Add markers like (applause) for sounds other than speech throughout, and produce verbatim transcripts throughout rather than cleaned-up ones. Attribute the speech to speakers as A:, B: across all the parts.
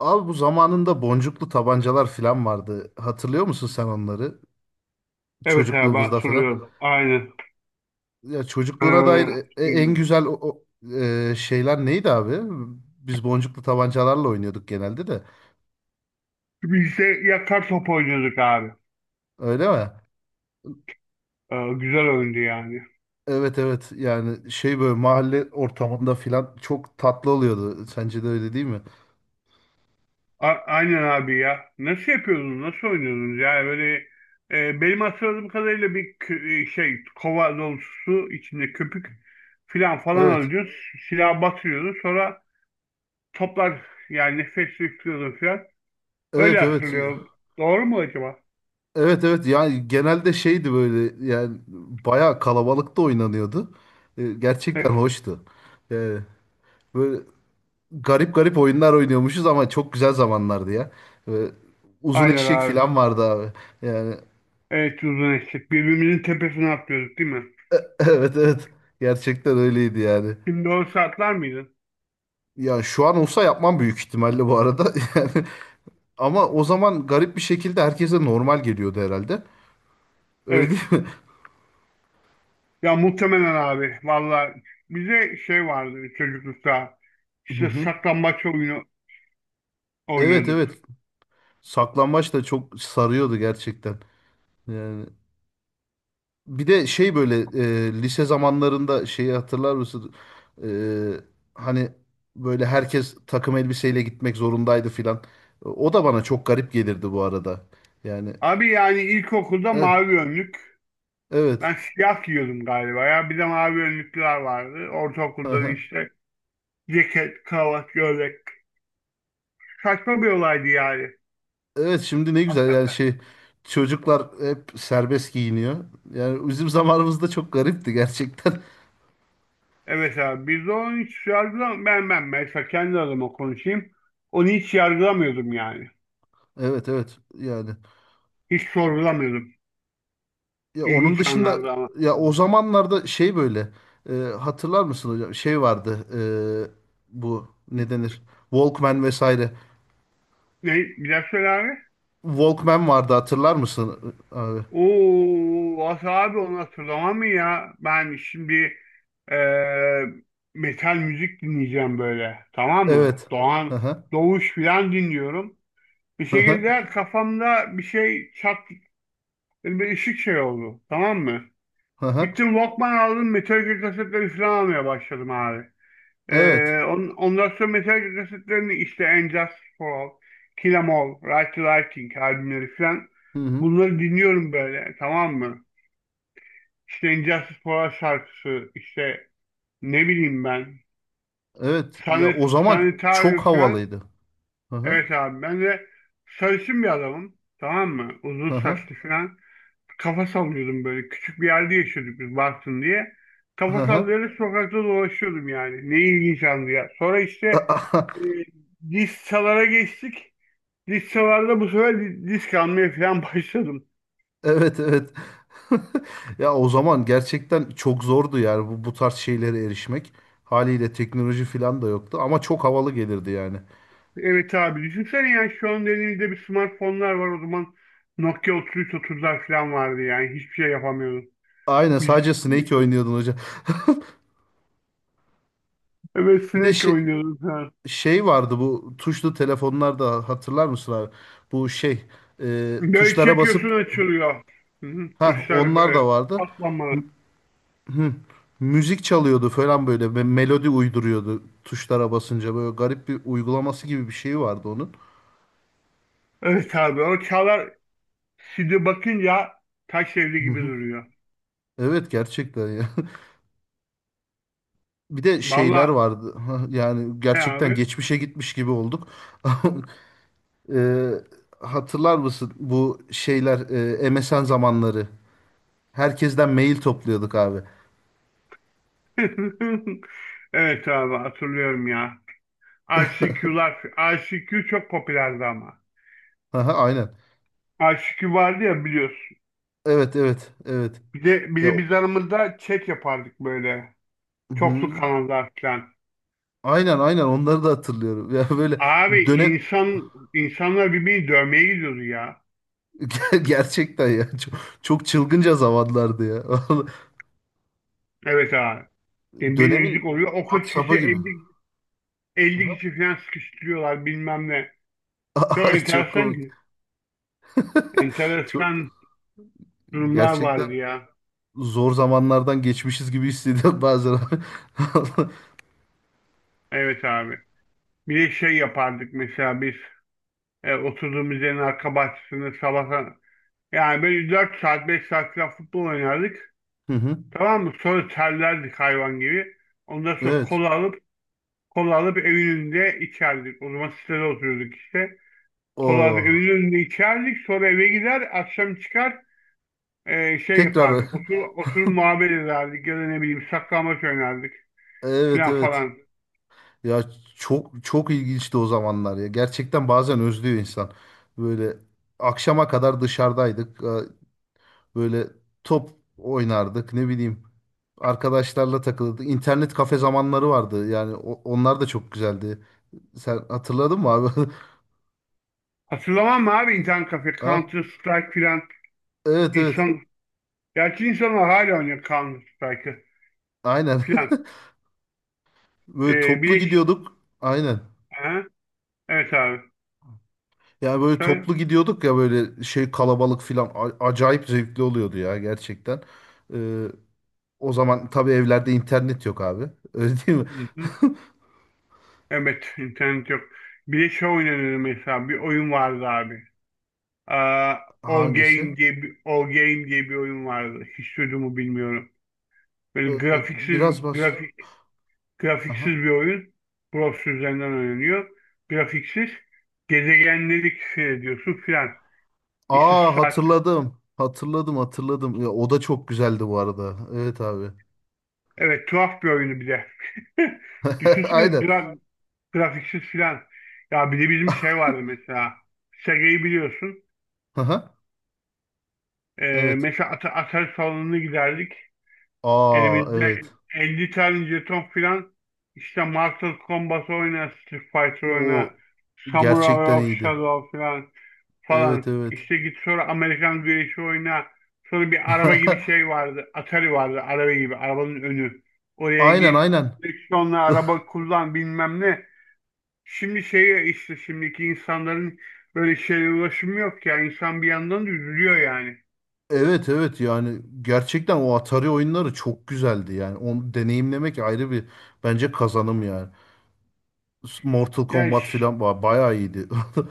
A: Abi bu zamanında boncuklu tabancalar falan vardı. Hatırlıyor musun sen onları?
B: Evet abi
A: Çocukluğumuzda falan.
B: hatırlıyorum. Aynen.
A: Ya çocukluğuna dair
B: Ee,
A: e- en güzel o, o, e, şeyler neydi abi? Biz boncuklu tabancalarla oynuyorduk genelde de.
B: Biz de yakar top oynuyorduk abi.
A: Öyle mi?
B: Ee, güzel oyundu yani.
A: Evet, evet. Yani şey böyle mahalle ortamında falan çok tatlı oluyordu. Sence de öyle değil mi?
B: A- aynen abi ya. Nasıl yapıyordunuz? Nasıl oynuyordunuz? Yani böyle e, benim hatırladığım kadarıyla bir kü- e, şey kova dolusu su içinde köpük filan falan
A: Evet.
B: alıyordun. Silah batırıyordun. Sonra toplar yani nefes yüklüyordun filan. Öyle
A: Evet, evet.
B: hatırlıyorum. Doğru mu acaba?
A: Evet, evet. Yani genelde şeydi böyle yani bayağı kalabalıkta oynanıyordu. E, Gerçekten
B: Evet.
A: hoştu. Yani böyle garip garip oyunlar oynuyormuşuz ama çok güzel zamanlardı ya. Ve uzun
B: Aynen
A: eşek
B: abi.
A: falan vardı abi. Yani
B: Evet, uzun eşek. Birbirimizin tepesine atlıyorduk değil mi?
A: (laughs) evet, evet, gerçekten öyleydi yani.
B: Şimdi o saatler miydin?
A: Ya şu an olsa yapmam büyük ihtimalle bu arada. (laughs) Yani ama o zaman garip bir şekilde herkese normal geliyordu herhalde. Öyle değil
B: Evet.
A: mi?
B: Ya muhtemelen abi. Valla bize şey vardı çocuklukta.
A: (laughs) Hı
B: İşte
A: hı.
B: saklambaç oyunu
A: Evet,
B: oynuyorduk.
A: evet. Saklambaç da çok sarıyordu gerçekten. Yani bir de şey böyle e, lise zamanlarında şeyi hatırlar mısın? E, Hani böyle herkes takım elbiseyle gitmek zorundaydı filan. O da bana çok garip gelirdi bu arada. Yani
B: Abi yani ilkokulda
A: eh,
B: mavi önlük.
A: evet.
B: Ben siyah giyiyordum galiba ya. Bir de mavi önlüklüler vardı. Ortaokulda da
A: Aha.
B: işte ceket, kravat, gömlek. Saçma bir olaydı yani.
A: Evet, şimdi ne güzel yani şey çocuklar hep serbest giyiniyor. Yani bizim zamanımızda çok garipti gerçekten. (laughs)
B: Evet abi, biz de onu hiç yargılam ben ben mesela, kendi adıma konuşayım. Onu hiç yargılamıyordum yani.
A: Evet, evet yani.
B: Hiç sorgulamıyordum.
A: Ya onun
B: İlginç
A: dışında
B: anlardı ama.
A: ya o zamanlarda şey böyle e, hatırlar mısın hocam? Şey vardı, e, bu ne denir? Walkman vesaire.
B: Ne? Bir daha söyle abi.
A: Walkman vardı, hatırlar mısın E, abi?
B: Oo, Asa abi, onu hatırlamam mı ya? Ben şimdi eee, metal müzik dinleyeceğim böyle. Tamam mı?
A: Evet. Hı
B: Doğan,
A: hı.
B: Doğuş filan dinliyorum. Bir
A: Hı hı.
B: şekilde kafamda bir şey çat, bir ışık şey oldu. Tamam mı?
A: Hı hı.
B: Gittim Walkman aldım, Metallica kasetleri filan almaya başladım abi.
A: Evet.
B: Ee, on, ondan sonra mesela kasetlerini işte And Just For All, Kill 'Em All, Right to Lighting albümleri falan
A: Hı hı.
B: bunları dinliyorum böyle, tamam mı? İşte And Justice For All şarkısı, işte ne bileyim ben
A: Evet. Ya
B: Sanet,
A: o zaman
B: Sanitarium
A: çok
B: falan,
A: havalıydı. Hı hı.
B: evet abi ben de sarışın bir adamım, tamam mı? Uzun
A: Hı hı.
B: saçlı falan. Kafa sallıyordum böyle. Küçük bir yerde yaşıyorduk biz, Bartın diye.
A: Hı
B: Kafa
A: hı.
B: sallayarak sokakta dolaşıyordum yani. Ne ilginç andı ya. Sonra işte e,
A: (laughs)
B: disçalara geçtik. Disçalarda bu sefer di- disk almaya falan (laughs) başladım.
A: Evet, evet. (laughs) Ya o zaman gerçekten çok zordu yani bu, bu tarz şeylere erişmek. Haliyle teknoloji falan da yoktu ama çok havalı gelirdi yani.
B: Evet abi düşünsene ya, şu an elimizde bir smartfonlar var, o zaman Nokia üç bin üç yüz otuzlar falan vardı, yani hiçbir şey yapamıyordum.
A: Aynen,
B: Müzik
A: sadece Snake
B: dinliyordum.
A: oynuyordun hocam.
B: Evet,
A: (laughs) Bir de
B: sinek
A: şey,
B: oynuyordum falan.
A: Şey vardı bu tuşlu telefonlarda, hatırlar mısın abi? Bu şey e,
B: Böyle
A: Tuşlara
B: çekiyorsun,
A: basıp
B: açılıyor. Hı hı,
A: ha,
B: tuşlar
A: onlar da
B: böyle
A: vardı.
B: katlanmalı.
A: Hı, Müzik çalıyordu falan, böyle me- melodi uyduruyordu tuşlara basınca, böyle garip bir uygulaması gibi bir şey vardı onun.
B: Evet abi, o Çağlar şimdi bakınca taş evli
A: Hı
B: gibi
A: hı.
B: duruyor.
A: Evet, gerçekten ya. (laughs) Bir de şeyler
B: Vallahi
A: vardı. (laughs) Yani
B: ne
A: gerçekten
B: abi?
A: geçmişe gitmiş gibi olduk. (laughs) Ee, Hatırlar mısın bu şeyler e, M S N zamanları? Herkesten mail topluyorduk abi.
B: (laughs) Evet abi hatırlıyorum ya. I C Q'lar, I C Q çok popülerdi ama.
A: (laughs) Aha, aynen.
B: I C Q vardı ya, biliyorsun.
A: Evet, evet, evet.
B: Bir de, bir
A: Ya
B: de biz
A: o-
B: aramızda chat yapardık böyle. Çoklu
A: hı.
B: kanallar falan.
A: Aynen, aynen, onları da hatırlıyorum. (laughs) Ya böyle
B: Abi
A: dönem
B: insan, insanlar birbirini dövmeye gidiyordu ya.
A: (laughs) Ger- gerçekten ya, çok, çok çılgınca zamanlardı ya. (laughs) Vallahi
B: Evet abi. Yani bir rezillik
A: dönemin
B: oluyor. Okul çıkışı
A: WhatsApp'ı gibi.
B: elli elli
A: Aha.
B: kişi falan sıkıştırıyorlar bilmem ne. Çok
A: (laughs) Çok
B: enteresan
A: komik. Çok
B: Enteresan durumlar
A: Gerçekten
B: vardı ya.
A: zor zamanlardan geçmişiz gibi hissediyorum bazen. (laughs)
B: Evet abi. Bir de şey yapardık mesela biz e, oturduğumuz yerin arka bahçesinde sabah, yani böyle dört saat beş saat falan futbol oynardık.
A: Hı hı.
B: Tamam mı? Sonra terlerdik hayvan gibi. Ondan sonra
A: Evet.
B: kola alıp kola alıp evin önünde içerdik. O zaman sitede oturuyorduk işte. Kola alıp
A: O
B: evin önünde içerdik. Sonra eve gider, akşam çıkar e, şey
A: tekrar
B: yapardık. Otur, oturup muhabbet ederdik ya da ne bileyim saklambaç oynardık
A: (laughs) evet,
B: filan
A: evet.
B: falan.
A: Ya, çok çok ilginçti o zamanlar ya. Gerçekten bazen özlüyor insan. Böyle akşama kadar dışarıdaydık. Ee, Böyle top oynardık, ne bileyim. Arkadaşlarla takılırdık. İnternet kafe zamanları vardı. Yani o- onlar da çok güzeldi. Sen hatırladın mı abi?
B: Hatırlamam mı abi, internet kafe,
A: (laughs) Ha?
B: Counter Strike filan.
A: Evet, evet.
B: İnsan, gerçi insanlar hala oynuyor Counter Strike'ı
A: Aynen.
B: filan.
A: (laughs) Böyle
B: Ee,
A: toplu
B: bileş,
A: gidiyorduk. Aynen.
B: ha? Evet abi.
A: Yani böyle
B: Söyle.
A: toplu gidiyorduk ya, böyle şey kalabalık filan a- acayip zevkli oluyordu ya gerçekten. Ee, O zaman tabii evlerde internet yok abi. (laughs) Öyle değil mi?
B: Hı-hı. Evet, internet yok. Bileş oynanır mesela. Bir oyun vardı abi. Aa, All
A: Hangisi?
B: Game diye bir, All Game diye bir oyun vardı. Hiç duydun bilmiyorum.
A: Ee,
B: Böyle grafiksiz,
A: Biraz baş.
B: grafik, grafiksiz
A: Aha.
B: bir oyun. Browser üzerinden oynanıyor. Grafiksiz. Gezegenleri keşfediyorsun filan. İşte,
A: Aa, hatırladım. Hatırladım, hatırladım. Ya, o da çok güzeldi bu arada. Evet abi.
B: evet, tuhaf bir oyunu bir de. (laughs)
A: (laughs)
B: Düşünsene
A: Aynen.
B: gra grafiksiz filan. Ya bir de bizim şey vardı mesela. Sega'yı biliyorsun.
A: Aha,
B: Ee,
A: evet.
B: mesela At Atari salonuna giderdik.
A: Aa,
B: Elimizde
A: evet.
B: elli tane jeton filan. İşte Mortal Kombat oyna, Street Fighter
A: O
B: oyna, Samurai
A: gerçekten
B: of
A: iyiydi.
B: Shadow filan.
A: Evet,
B: falan.
A: evet.
B: İşte git sonra Amerikan güreşi oyna. Sonra bir araba gibi
A: (laughs)
B: şey vardı. Atari vardı araba gibi. Arabanın önü. Oraya
A: Aynen,
B: gir.
A: aynen.
B: Direksiyonla araba kullan bilmem ne. Şimdi şey işte, şimdiki insanların böyle şeye ulaşımı yok ya. İnsan bir yandan da üzülüyor yani.
A: Evet, evet, yani gerçekten o Atari oyunları çok güzeldi, yani onu deneyimlemek ayrı bir bence kazanım yani. Mortal
B: Yani,
A: Kombat
B: ş-
A: filan ba- bayağı iyiydi. (laughs)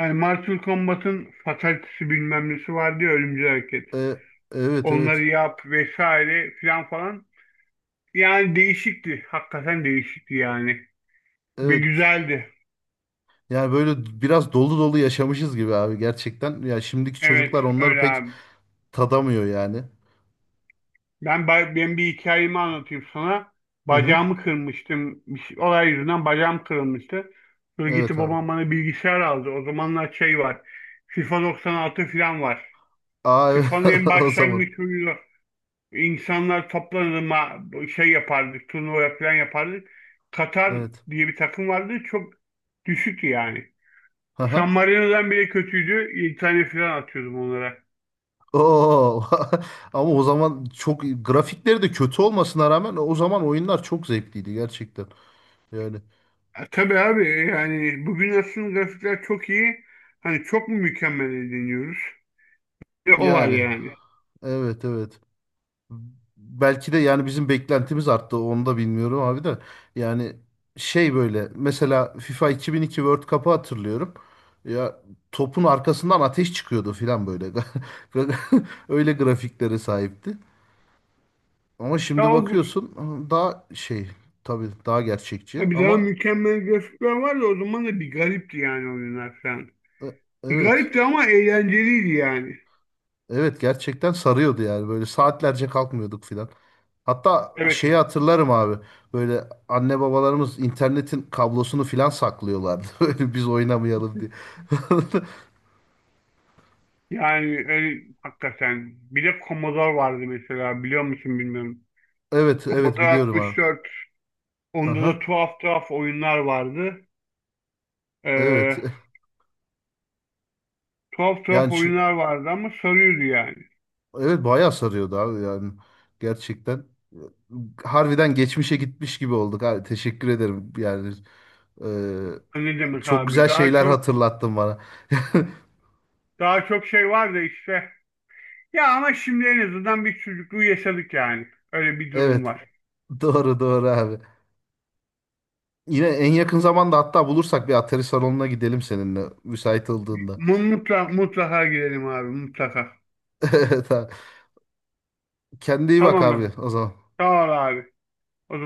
B: yani Mortal Kombat'ın fatalitesi bilmem nesi vardı ya, ölümcül hareket.
A: E, evet,
B: Onları
A: evet,
B: yap vesaire filan falan. Yani değişikti. Hakikaten değişikti yani. Ve
A: evet,
B: güzeldi.
A: yani böyle biraz dolu dolu yaşamışız gibi abi gerçekten ya, şimdiki
B: Evet,
A: çocuklar onları
B: öyle
A: pek
B: abi.
A: tadamıyor yani.
B: Ben, ba- ben bir hikayemi anlatayım sana.
A: Hı hı.
B: Bacağımı kırmıştım. Bir şey- olay yüzünden bacağım kırılmıştı. Sonra
A: Evet
B: gitti
A: abi.
B: babam bana bilgisayar aldı. O zamanlar şey var. FIFA doksan altı falan var.
A: Aa, evet
B: FIFA'nın
A: (laughs)
B: en
A: o zaman
B: başlangıç oyunu. İnsanlar toplanır ma- şey yapardık. Turnuva falan yapardık. Katar
A: evet.
B: diye bir takım vardı. Çok düşüktü yani. San
A: Aha.
B: Marino'dan bile kötüydü. yedi tane falan atıyordum onlara.
A: Oo. (laughs) Ama o zaman çok, grafikleri de kötü olmasına rağmen, o zaman oyunlar çok zevkliydi gerçekten. Yani
B: E, tabii abi, yani bugün aslında grafikler çok iyi. Hani çok mu mükemmel deniyoruz? E, o var
A: Yani
B: yani.
A: evet, evet. Belki de yani bizim beklentimiz arttı. Onu da bilmiyorum abi de. Yani şey böyle mesela FIFA iki bin iki World Cup'ı hatırlıyorum. Ya topun arkasından ateş çıkıyordu filan böyle. (laughs) Öyle grafiklere sahipti. Ama
B: Ya
A: şimdi
B: o,
A: bakıyorsun daha şey tabii daha gerçekçi
B: tabii daha
A: ama
B: mükemmel grafikler vardı, o zaman da bir garipti yani oyunlar falan.
A: e,
B: Bir
A: evet.
B: garipti ama eğlenceliydi yani.
A: Evet, gerçekten sarıyordu yani, böyle saatlerce kalkmıyorduk filan. Hatta
B: Evet,
A: şeyi hatırlarım abi. Böyle anne babalarımız internetin kablosunu filan saklıyorlardı (laughs) böyle biz oynamayalım diye.
B: yani öyle, hakikaten. Bir de Commodore vardı mesela, biliyor musun bilmiyorum.
A: Evet, evet
B: Commodore
A: biliyorum abi.
B: altmış dört. Onda da
A: Aha,
B: tuhaf tuhaf oyunlar vardı. E,
A: evet. (laughs)
B: Tuhaf tuhaf
A: Yani şu,
B: oyunlar vardı ama sarıyordu yani.
A: evet bayağı sarıyordu abi yani. Gerçekten. Harbiden geçmişe gitmiş gibi olduk abi. Teşekkür ederim. Yani, e,
B: Ne demek
A: çok
B: abi,
A: güzel
B: daha
A: şeyler
B: çok.
A: hatırlattın bana. (laughs)
B: Daha çok şey var da işte. Ya ama şimdi en azından bir çocukluğu yaşadık yani. Öyle bir durum
A: Evet.
B: var.
A: Doğru, doğru abi. Yine en yakın zamanda hatta bulursak bir Atari salonuna gidelim seninle müsait olduğunda.
B: Mutlaka, mutlaka gidelim abi, mutlaka.
A: (laughs) Evet, kendine iyi bak
B: Tamam
A: abi
B: mı?
A: o zaman.
B: Sağ ol abi. O zaman